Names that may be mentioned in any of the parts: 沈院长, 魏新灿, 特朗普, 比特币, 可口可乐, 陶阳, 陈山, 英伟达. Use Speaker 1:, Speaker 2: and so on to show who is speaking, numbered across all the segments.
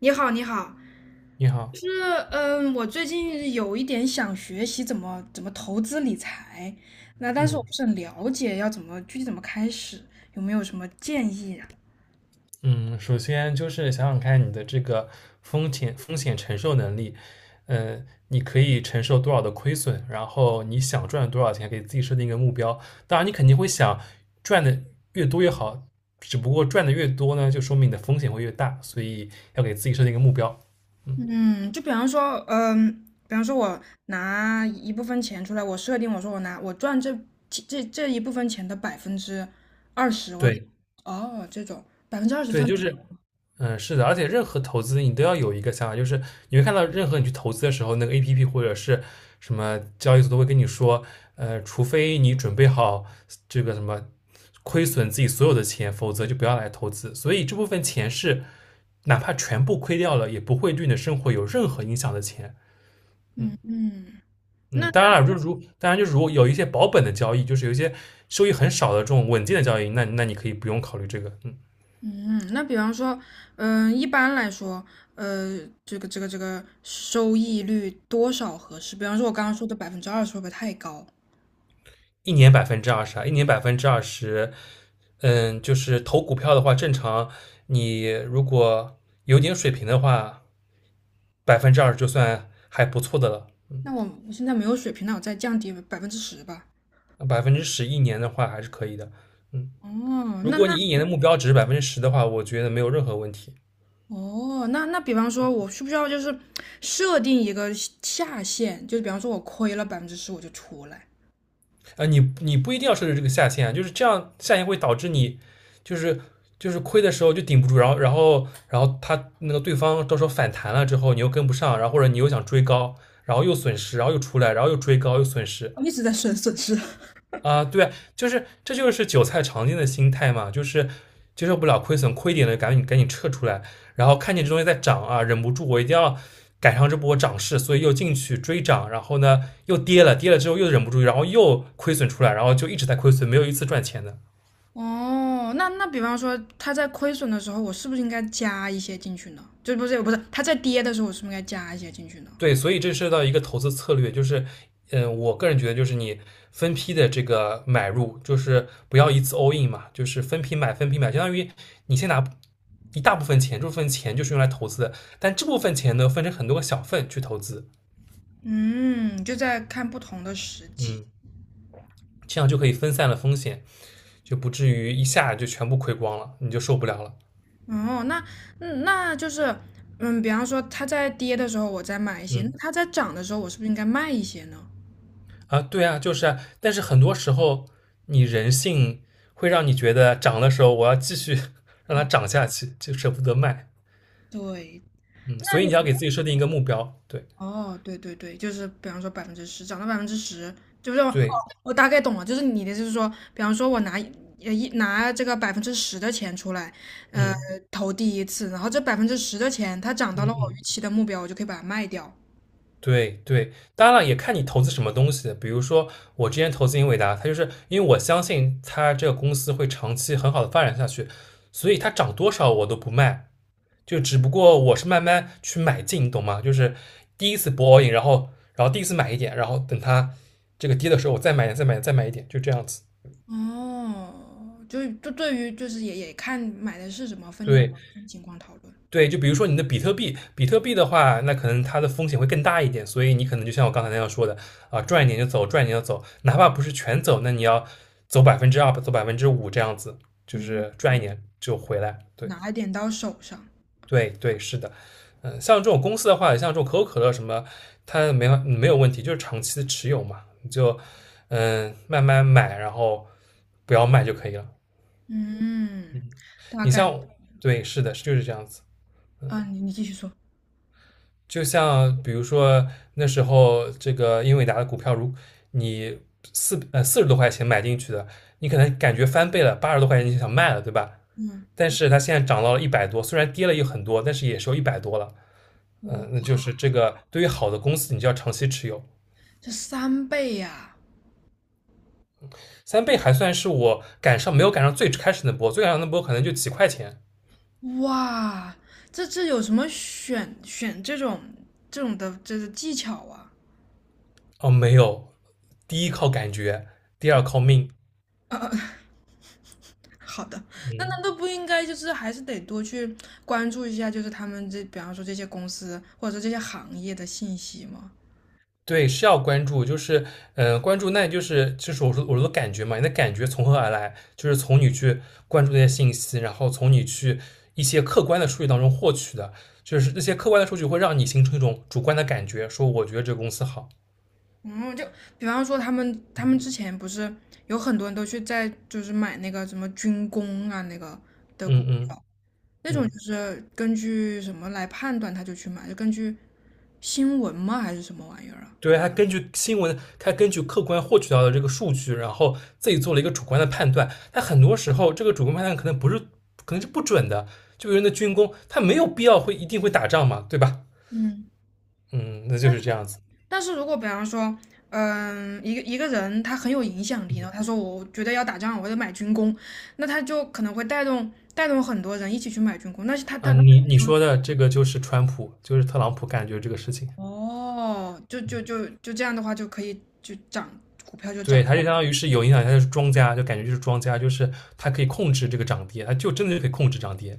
Speaker 1: 你好，你好。
Speaker 2: 你好。
Speaker 1: 就是我最近有一点想学习怎么投资理财，那但是我
Speaker 2: 嗯
Speaker 1: 不是很了解要怎么具体怎么开始，有没有什么建议啊？
Speaker 2: 嗯，首先就是想想看你的这个风险承受能力，你可以承受多少的亏损，然后你想赚多少钱，给自己设定一个目标。当然，你肯定会想赚的越多越好，只不过赚的越多呢，就说明你的风险会越大，所以要给自己设定一个目标。嗯，
Speaker 1: 嗯，就比方说，比方说我拿一部分钱出来，我设定我说我拿我赚这一部分钱的百分之二十，我
Speaker 2: 对。
Speaker 1: 哦这种百分之二十
Speaker 2: 对，
Speaker 1: 算
Speaker 2: 就是，是的，而且任何投资你都要有一个想法，就是你会看到任何你去投资的时候，那个 APP 或者是什么交易所都会跟你说，除非你准备好这个什么亏损自己所有的钱，否则就不要来投资。所以这部分钱是哪怕全部亏掉了，也不会对你的生活有任何影响的钱。嗯
Speaker 1: 嗯。
Speaker 2: 嗯，
Speaker 1: 那。
Speaker 2: 当然了，就如当然就如果有一些保本的交易，就是有一些收益很少的这种稳健的交易，那你可以不用考虑这个。嗯
Speaker 1: 嗯，那比方说，一般来说，呃，这个收益率多少合适？比方说，我刚刚说的百分之二十会不会太高？
Speaker 2: 一年百分之二十啊，一年百分之二十，嗯，就是投股票的话，正常你如果有点水平的话，百分之二十就算还不错的了。
Speaker 1: 那我现在没有水平，那我再降低百分之十吧。
Speaker 2: 百分之十一年的话还是可以的。
Speaker 1: 哦，
Speaker 2: 如
Speaker 1: 那
Speaker 2: 果你
Speaker 1: 那
Speaker 2: 一年的目标值是百分之十的话，我觉得没有任何问题。
Speaker 1: 哦，那比方说，我需不需要就是设定一个下限？就是比方说，我亏了百分之十我就出来，
Speaker 2: 你不一定要设置这个下限啊，就是这样下限会导致你就是就是亏的时候就顶不住，然后他那个对方到时候反弹了之后，你又跟不上，然后或者你又想追高，然后又损失，然后又出来，然后又追高又损失，
Speaker 1: 我一直在损失。
Speaker 2: 对啊，这就是韭菜常见的心态嘛，就是接受不了亏损，亏一点的赶紧赶紧撤出来，然后看见这东西在涨啊，忍不住我一定要赶上这波涨势，所以又进去追涨，然后呢又跌了，跌了之后又忍不住，然后又亏损出来，然后就一直在亏损，没有一次赚钱的。
Speaker 1: 哦，那比方说它在亏损的时候，我是不是应该加一些进去呢？就不是它在跌的时候，我是不是应该加一些进去呢？
Speaker 2: 对，所以这涉及到一个投资策略，就是，我个人觉得就是你分批的这个买入，就是不要一次 all in 嘛，就是分批买，分批买，相当于你先拿一大部分钱，这部分钱就是用来投资的，但这部分钱呢分成很多个小份去投资，
Speaker 1: 嗯，就在看不同的时机。
Speaker 2: 嗯，这样就可以分散了风险，就不至于一下就全部亏光了，你就受不了了。
Speaker 1: 哦，那比方说它在跌的时候，我再买一些；那
Speaker 2: 嗯。
Speaker 1: 它在涨的时候，我是不是应该卖一些呢？
Speaker 2: 对啊，就是啊，但是很多时候你人性会让你觉得涨的时候我要继续 让
Speaker 1: 哦，
Speaker 2: 它涨下去，就舍不得卖，
Speaker 1: 对，
Speaker 2: 嗯，
Speaker 1: 那
Speaker 2: 所以你要给
Speaker 1: 有。
Speaker 2: 自己设定一个目标。对
Speaker 1: 哦，对对对，就是比方说百分之十，涨到百分之十，就是哦，
Speaker 2: 对，
Speaker 1: 我大概懂了，就是你的意思是说，比方说我拿一呃一拿这个百分之十的钱出来，呃，
Speaker 2: 嗯
Speaker 1: 投第一次，然后这百分之十的钱它涨
Speaker 2: 嗯
Speaker 1: 到了我
Speaker 2: 嗯，
Speaker 1: 预期的目标，我就可以把它卖掉。
Speaker 2: 对对，当然了，也看你投资什么东西，比如说我之前投资英伟达，它就是因为我相信它这个公司会长期很好的发展下去，所以它涨多少我都不卖，就只不过我是慢慢去买进，你懂吗？就是第一次博 a in，然后然后第一次买一点，然后等它这个跌的时候，我再买点，再买点，再买一点，就这样子。
Speaker 1: 哦，就对于就是也看买的是什么分
Speaker 2: 对
Speaker 1: 分情况讨论，
Speaker 2: 对，就比如说你的比特币，比特币的话，那可能它的风险会更大一点，所以你可能就像我刚才那样说的赚一点就走，赚一点就走，哪怕不是全走，那你要走百分之二，走5%这样子，就
Speaker 1: 嗯，
Speaker 2: 是赚一点就回来。对。
Speaker 1: 拿一点到手上，
Speaker 2: 对对，是的，像这种公司的话，像这种可口可乐什么，它没有问题，就是长期的持有嘛，你就慢慢买，然后不要卖就可以了。
Speaker 1: 嗯，大
Speaker 2: 你
Speaker 1: 概，
Speaker 2: 像，对，是的，就是这样子。
Speaker 1: 嗯、你继续说，
Speaker 2: 就像比如说那时候这个英伟达的股票，如你40多块钱买进去的，你可能感觉翻倍了，80多块钱你就想卖了，对吧？
Speaker 1: 嗯，
Speaker 2: 但是它现在涨到了一百多，虽然跌了也很多，但是也收有一百多了。那
Speaker 1: 我
Speaker 2: 就是这个对于好的公司，你就要长期持有。
Speaker 1: 这3倍呀、
Speaker 2: 3倍还算是我没有赶上最开始那波，最赶上那波可能就几块钱。
Speaker 1: 哇，这有什么选这种的这个技巧啊？
Speaker 2: 哦，没有。第一靠感觉，第二靠命。
Speaker 1: 呃，好的，那
Speaker 2: 嗯，
Speaker 1: 难道不应该就是还是得多去关注一下，就是他们这比方说这些公司或者说这些行业的信息吗？
Speaker 2: 对，是要关注，就是关注那就是我说的感觉嘛，你的感觉从何而来？就是从你去关注那些信息，然后从你去一些客观的数据当中获取的，就是那些客观的数据会让你形成一种主观的感觉，说我觉得这个公司好。
Speaker 1: 嗯，就比方说他们之
Speaker 2: 嗯
Speaker 1: 前不是有很多人都去在就是买那个什么军工啊那个的股
Speaker 2: 嗯嗯。
Speaker 1: 票，那种
Speaker 2: 嗯
Speaker 1: 就是根据什么来判断他就去买，就根据新闻吗还是什么玩意儿啊？
Speaker 2: 对，他根据新闻，他根据客观获取到的这个数据，然后自己做了一个主观的判断。但很多时候，这个主观判断可能不是，可能是不准的。就比如那军工，他没有必要会一定会打仗嘛，对吧？
Speaker 1: 嗯。
Speaker 2: 嗯，那就是这样子。
Speaker 1: 但是如果比方说，一个人他很有影响力，然后他说我觉得要打仗，我得买军工，那他就可能会带动很多人一起去买军工，那是他就
Speaker 2: 嗯，你你说的这个就是川普，就是特朗普感觉这个事情。
Speaker 1: 哦，就这样的话就可以就涨，股票就
Speaker 2: 对，
Speaker 1: 涨，
Speaker 2: 他就相当于是有影响，他就是庄家，就感觉就是庄家，就是他可以控制这个涨跌，他就真的就可以控制涨跌。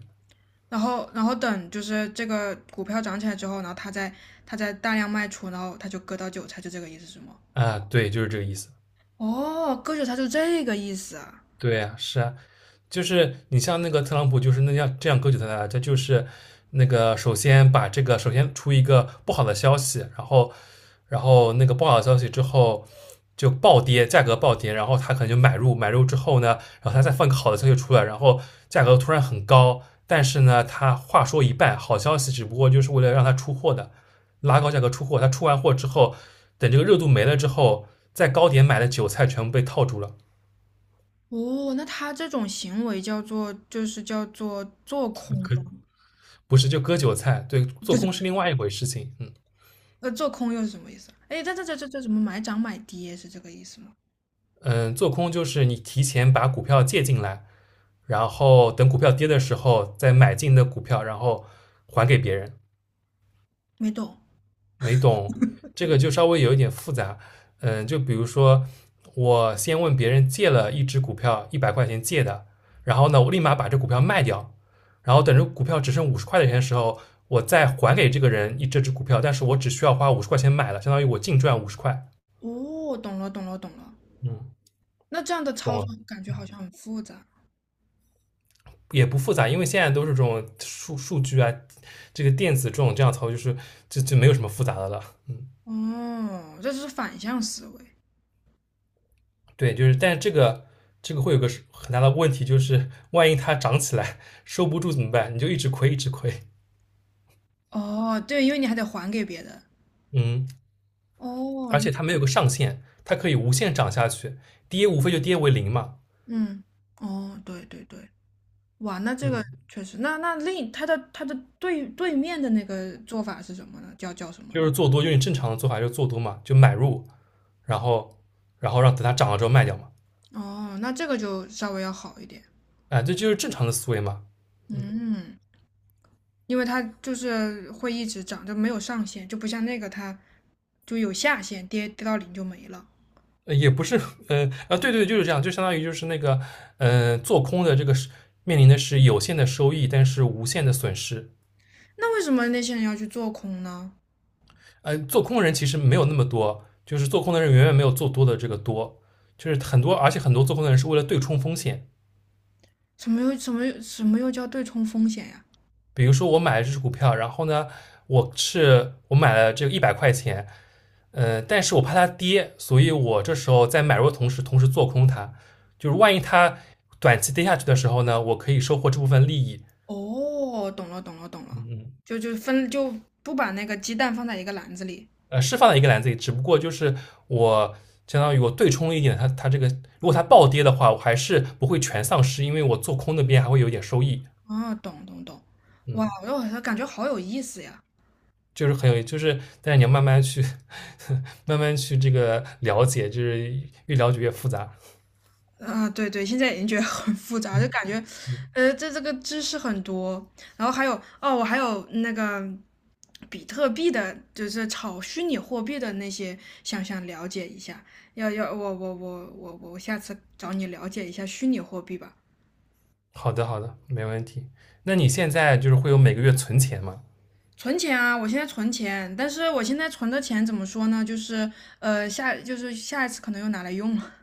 Speaker 1: 然后等就是这个股票涨起来之后，然后他再大量卖出，然后他就割到韭菜，就这个意思是吗？
Speaker 2: 对，就是这个意思。
Speaker 1: 哦，割韭菜就这个意思啊。
Speaker 2: 对啊，是啊，就是你像那个特朗普，就是那样这样割韭菜的，他就是那个首先把这个首先出一个不好的消息，然后然后那个不好的消息之后就暴跌，价格暴跌，然后他可能就买入，买入之后呢，然后他再放个好的消息出来，然后价格突然很高，但是呢，他话说一半，好消息只不过就是为了让他出货的，拉高价格出货，他出完货之后，等这个热度没了之后，在高点买的韭菜全部被套住了。
Speaker 1: 哦，那他这种行为叫做做空
Speaker 2: 可不是，就割韭菜。对，做
Speaker 1: 就是
Speaker 2: 空是 另外一回事情。嗯
Speaker 1: 做空又是什么意思啊？哎，这什么买涨买跌是这个意思吗？
Speaker 2: 嗯，做空就是你提前把股票借进来，然后等股票跌的时候再买进的股票，然后还给别人。
Speaker 1: 没懂。
Speaker 2: 没懂这个就稍微有一点复杂。就比如说我先问别人借了一只股票一百块钱借的，然后呢我立马把这股票卖掉，然后等着股票只剩五十块钱的时候，我再还给这个人一这只股票，但是我只需要花五十块钱买了，相当于我净赚五十块。
Speaker 1: 哦，懂了懂了懂了。
Speaker 2: 嗯，
Speaker 1: 那这样的
Speaker 2: 懂
Speaker 1: 操
Speaker 2: 了。
Speaker 1: 作感觉好
Speaker 2: 嗯。
Speaker 1: 像很复杂。
Speaker 2: 也不复杂，因为现在都是这种数据啊，这个电子这种这样操作，就是就没有什么复杂的了。嗯，
Speaker 1: 哦，这是反向思维。
Speaker 2: 对，就是，但是这个会有个很大的问题，就是万一它涨起来收不住怎么办？你就一直亏，一直亏。
Speaker 1: 哦，对，因为你还得还给别人。
Speaker 2: 嗯，
Speaker 1: 哦，
Speaker 2: 而且它没有个上限，它可以无限涨下去，跌无非就跌为零嘛。
Speaker 1: 嗯，哦，对对对，哇，那这个
Speaker 2: 嗯，
Speaker 1: 确实，那他的对面的那个做法是什么呢？叫什么
Speaker 2: 就
Speaker 1: 呢？
Speaker 2: 是做多，用你正常的做法就是做多嘛，就买入，然后然后让等它涨了之后卖掉嘛。
Speaker 1: 哦，那这个就稍微要好一点。
Speaker 2: 这就是正常的思维嘛。
Speaker 1: 嗯。因为它就是会一直涨，就没有上限，就不像那个它就有下限，跌到零就没了。
Speaker 2: 也不是，对对，就是这样，就相当于就是那个，做空的这个是面临的是有限的收益，但是无限的损失。
Speaker 1: 那为什么那些人要去做空呢？
Speaker 2: 做空的人其实没有那么多，就是做空的人远远没有做多的这个多，就是很多，而且很多做空的人是为了对冲风险。
Speaker 1: 什么又叫对冲风险呀？
Speaker 2: 比如说我买了这只股票，然后呢，我买了这个一百块钱，但是我怕它跌，所以我这时候在买入的同时，同时做空它，就是万一它短期跌下去的时候呢，我可以收获这部分利益。
Speaker 1: 哦，懂了懂了懂
Speaker 2: 嗯
Speaker 1: 了，
Speaker 2: 嗯。
Speaker 1: 就不把那个鸡蛋放在一个篮子里。
Speaker 2: 是放在一个篮子里，只不过就是我相当于我对冲了一点它这个，如果它暴跌的话，我还是不会全丧失，因为我做空那边还会有点收益。
Speaker 1: 哦，懂懂懂，哇，
Speaker 2: 嗯，
Speaker 1: 我好像感觉好有意思呀。
Speaker 2: 就是很有，就是但是你要慢慢去 慢慢去这个了解，就是越了解越复杂。
Speaker 1: 啊，对对，现在已经觉得很复杂，就
Speaker 2: 嗯
Speaker 1: 感觉，
Speaker 2: 嗯，
Speaker 1: 这个知识很多，然后还有哦，我还有那个比特币的，就是炒虚拟货币的那些，想了解一下。要，我下次找你了解一下虚拟货币吧。
Speaker 2: 好的好的，没问题。那你现在就是会有每个月存钱吗？
Speaker 1: 存钱啊，我现在存钱，但是我现在存的钱怎么说呢？就是呃下，就是下一次可能又拿来用了。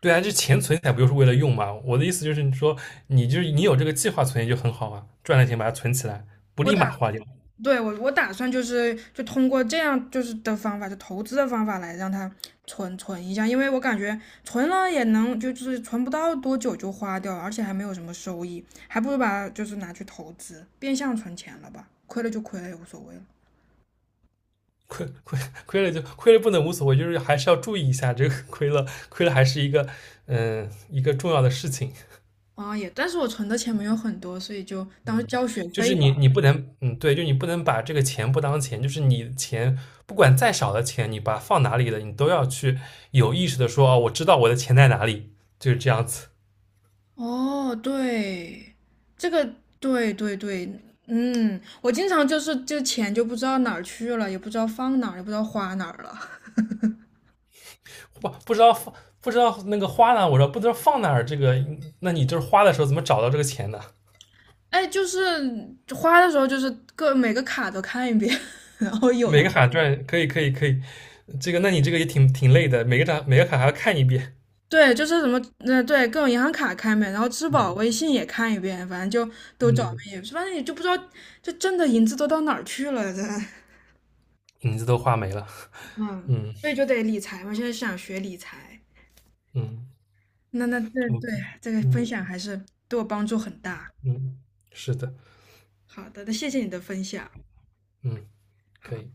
Speaker 2: 对啊，这钱存起来不就是为了用吗？我的意思就是，你说你就是你有这个计划存钱就很好啊，赚了钱把它存起来，不
Speaker 1: 我
Speaker 2: 立
Speaker 1: 打。
Speaker 2: 马花掉。
Speaker 1: 对我打算就是就通过这样就是的方法，就投资的方法来让它存存一下，因为我感觉存了也能就是存不到多久就花掉了，而且还没有什么收益，还不如把它就是拿去投资，变相存钱了吧，亏了就亏了也无所谓了。
Speaker 2: 亏亏亏了就亏了不能无所谓，就是还是要注意一下这个亏了还是一个一个重要的事情，
Speaker 1: 啊，但是我存的钱没有很多，所以就当交学
Speaker 2: 就
Speaker 1: 费
Speaker 2: 是
Speaker 1: 吧。
Speaker 2: 你不能对，就你不能把这个钱不当钱，就是你钱不管再少的钱，你把它放哪里了，你都要去有意识的说哦，我知道我的钱在哪里，就是这样子。
Speaker 1: 哦，对，这个对对对，我经常就是这钱就不知道哪儿去了，也不知道放哪儿，也不知道花哪儿了。
Speaker 2: 不不知道放不知道那个花呢？我说不知道放哪儿，这个那你就是花的时候怎么找到这个钱呢？
Speaker 1: 哎，就是花的时候，就是每个卡都看一遍，然后
Speaker 2: 每个卡赚可以可以可以，这个那你这个也挺累的，每个卡每个卡还要看一遍。
Speaker 1: 对，就是什么，对，各种银行卡看一遍，然后支付
Speaker 2: 嗯
Speaker 1: 宝、微信也看一遍，反正就都找
Speaker 2: 嗯，
Speaker 1: 一是，也反正也就不知道这挣的银子都到哪儿去了，
Speaker 2: 影子都画没了。
Speaker 1: 嗯，
Speaker 2: 嗯
Speaker 1: 所以就得理财嘛，现在想学理财，
Speaker 2: 嗯
Speaker 1: 那对
Speaker 2: ，OK，
Speaker 1: 这个分
Speaker 2: 嗯
Speaker 1: 享还是对我帮助很大。
Speaker 2: 嗯，是的，
Speaker 1: 好的，那谢谢你的分享。
Speaker 2: 嗯，
Speaker 1: 好。
Speaker 2: 可以。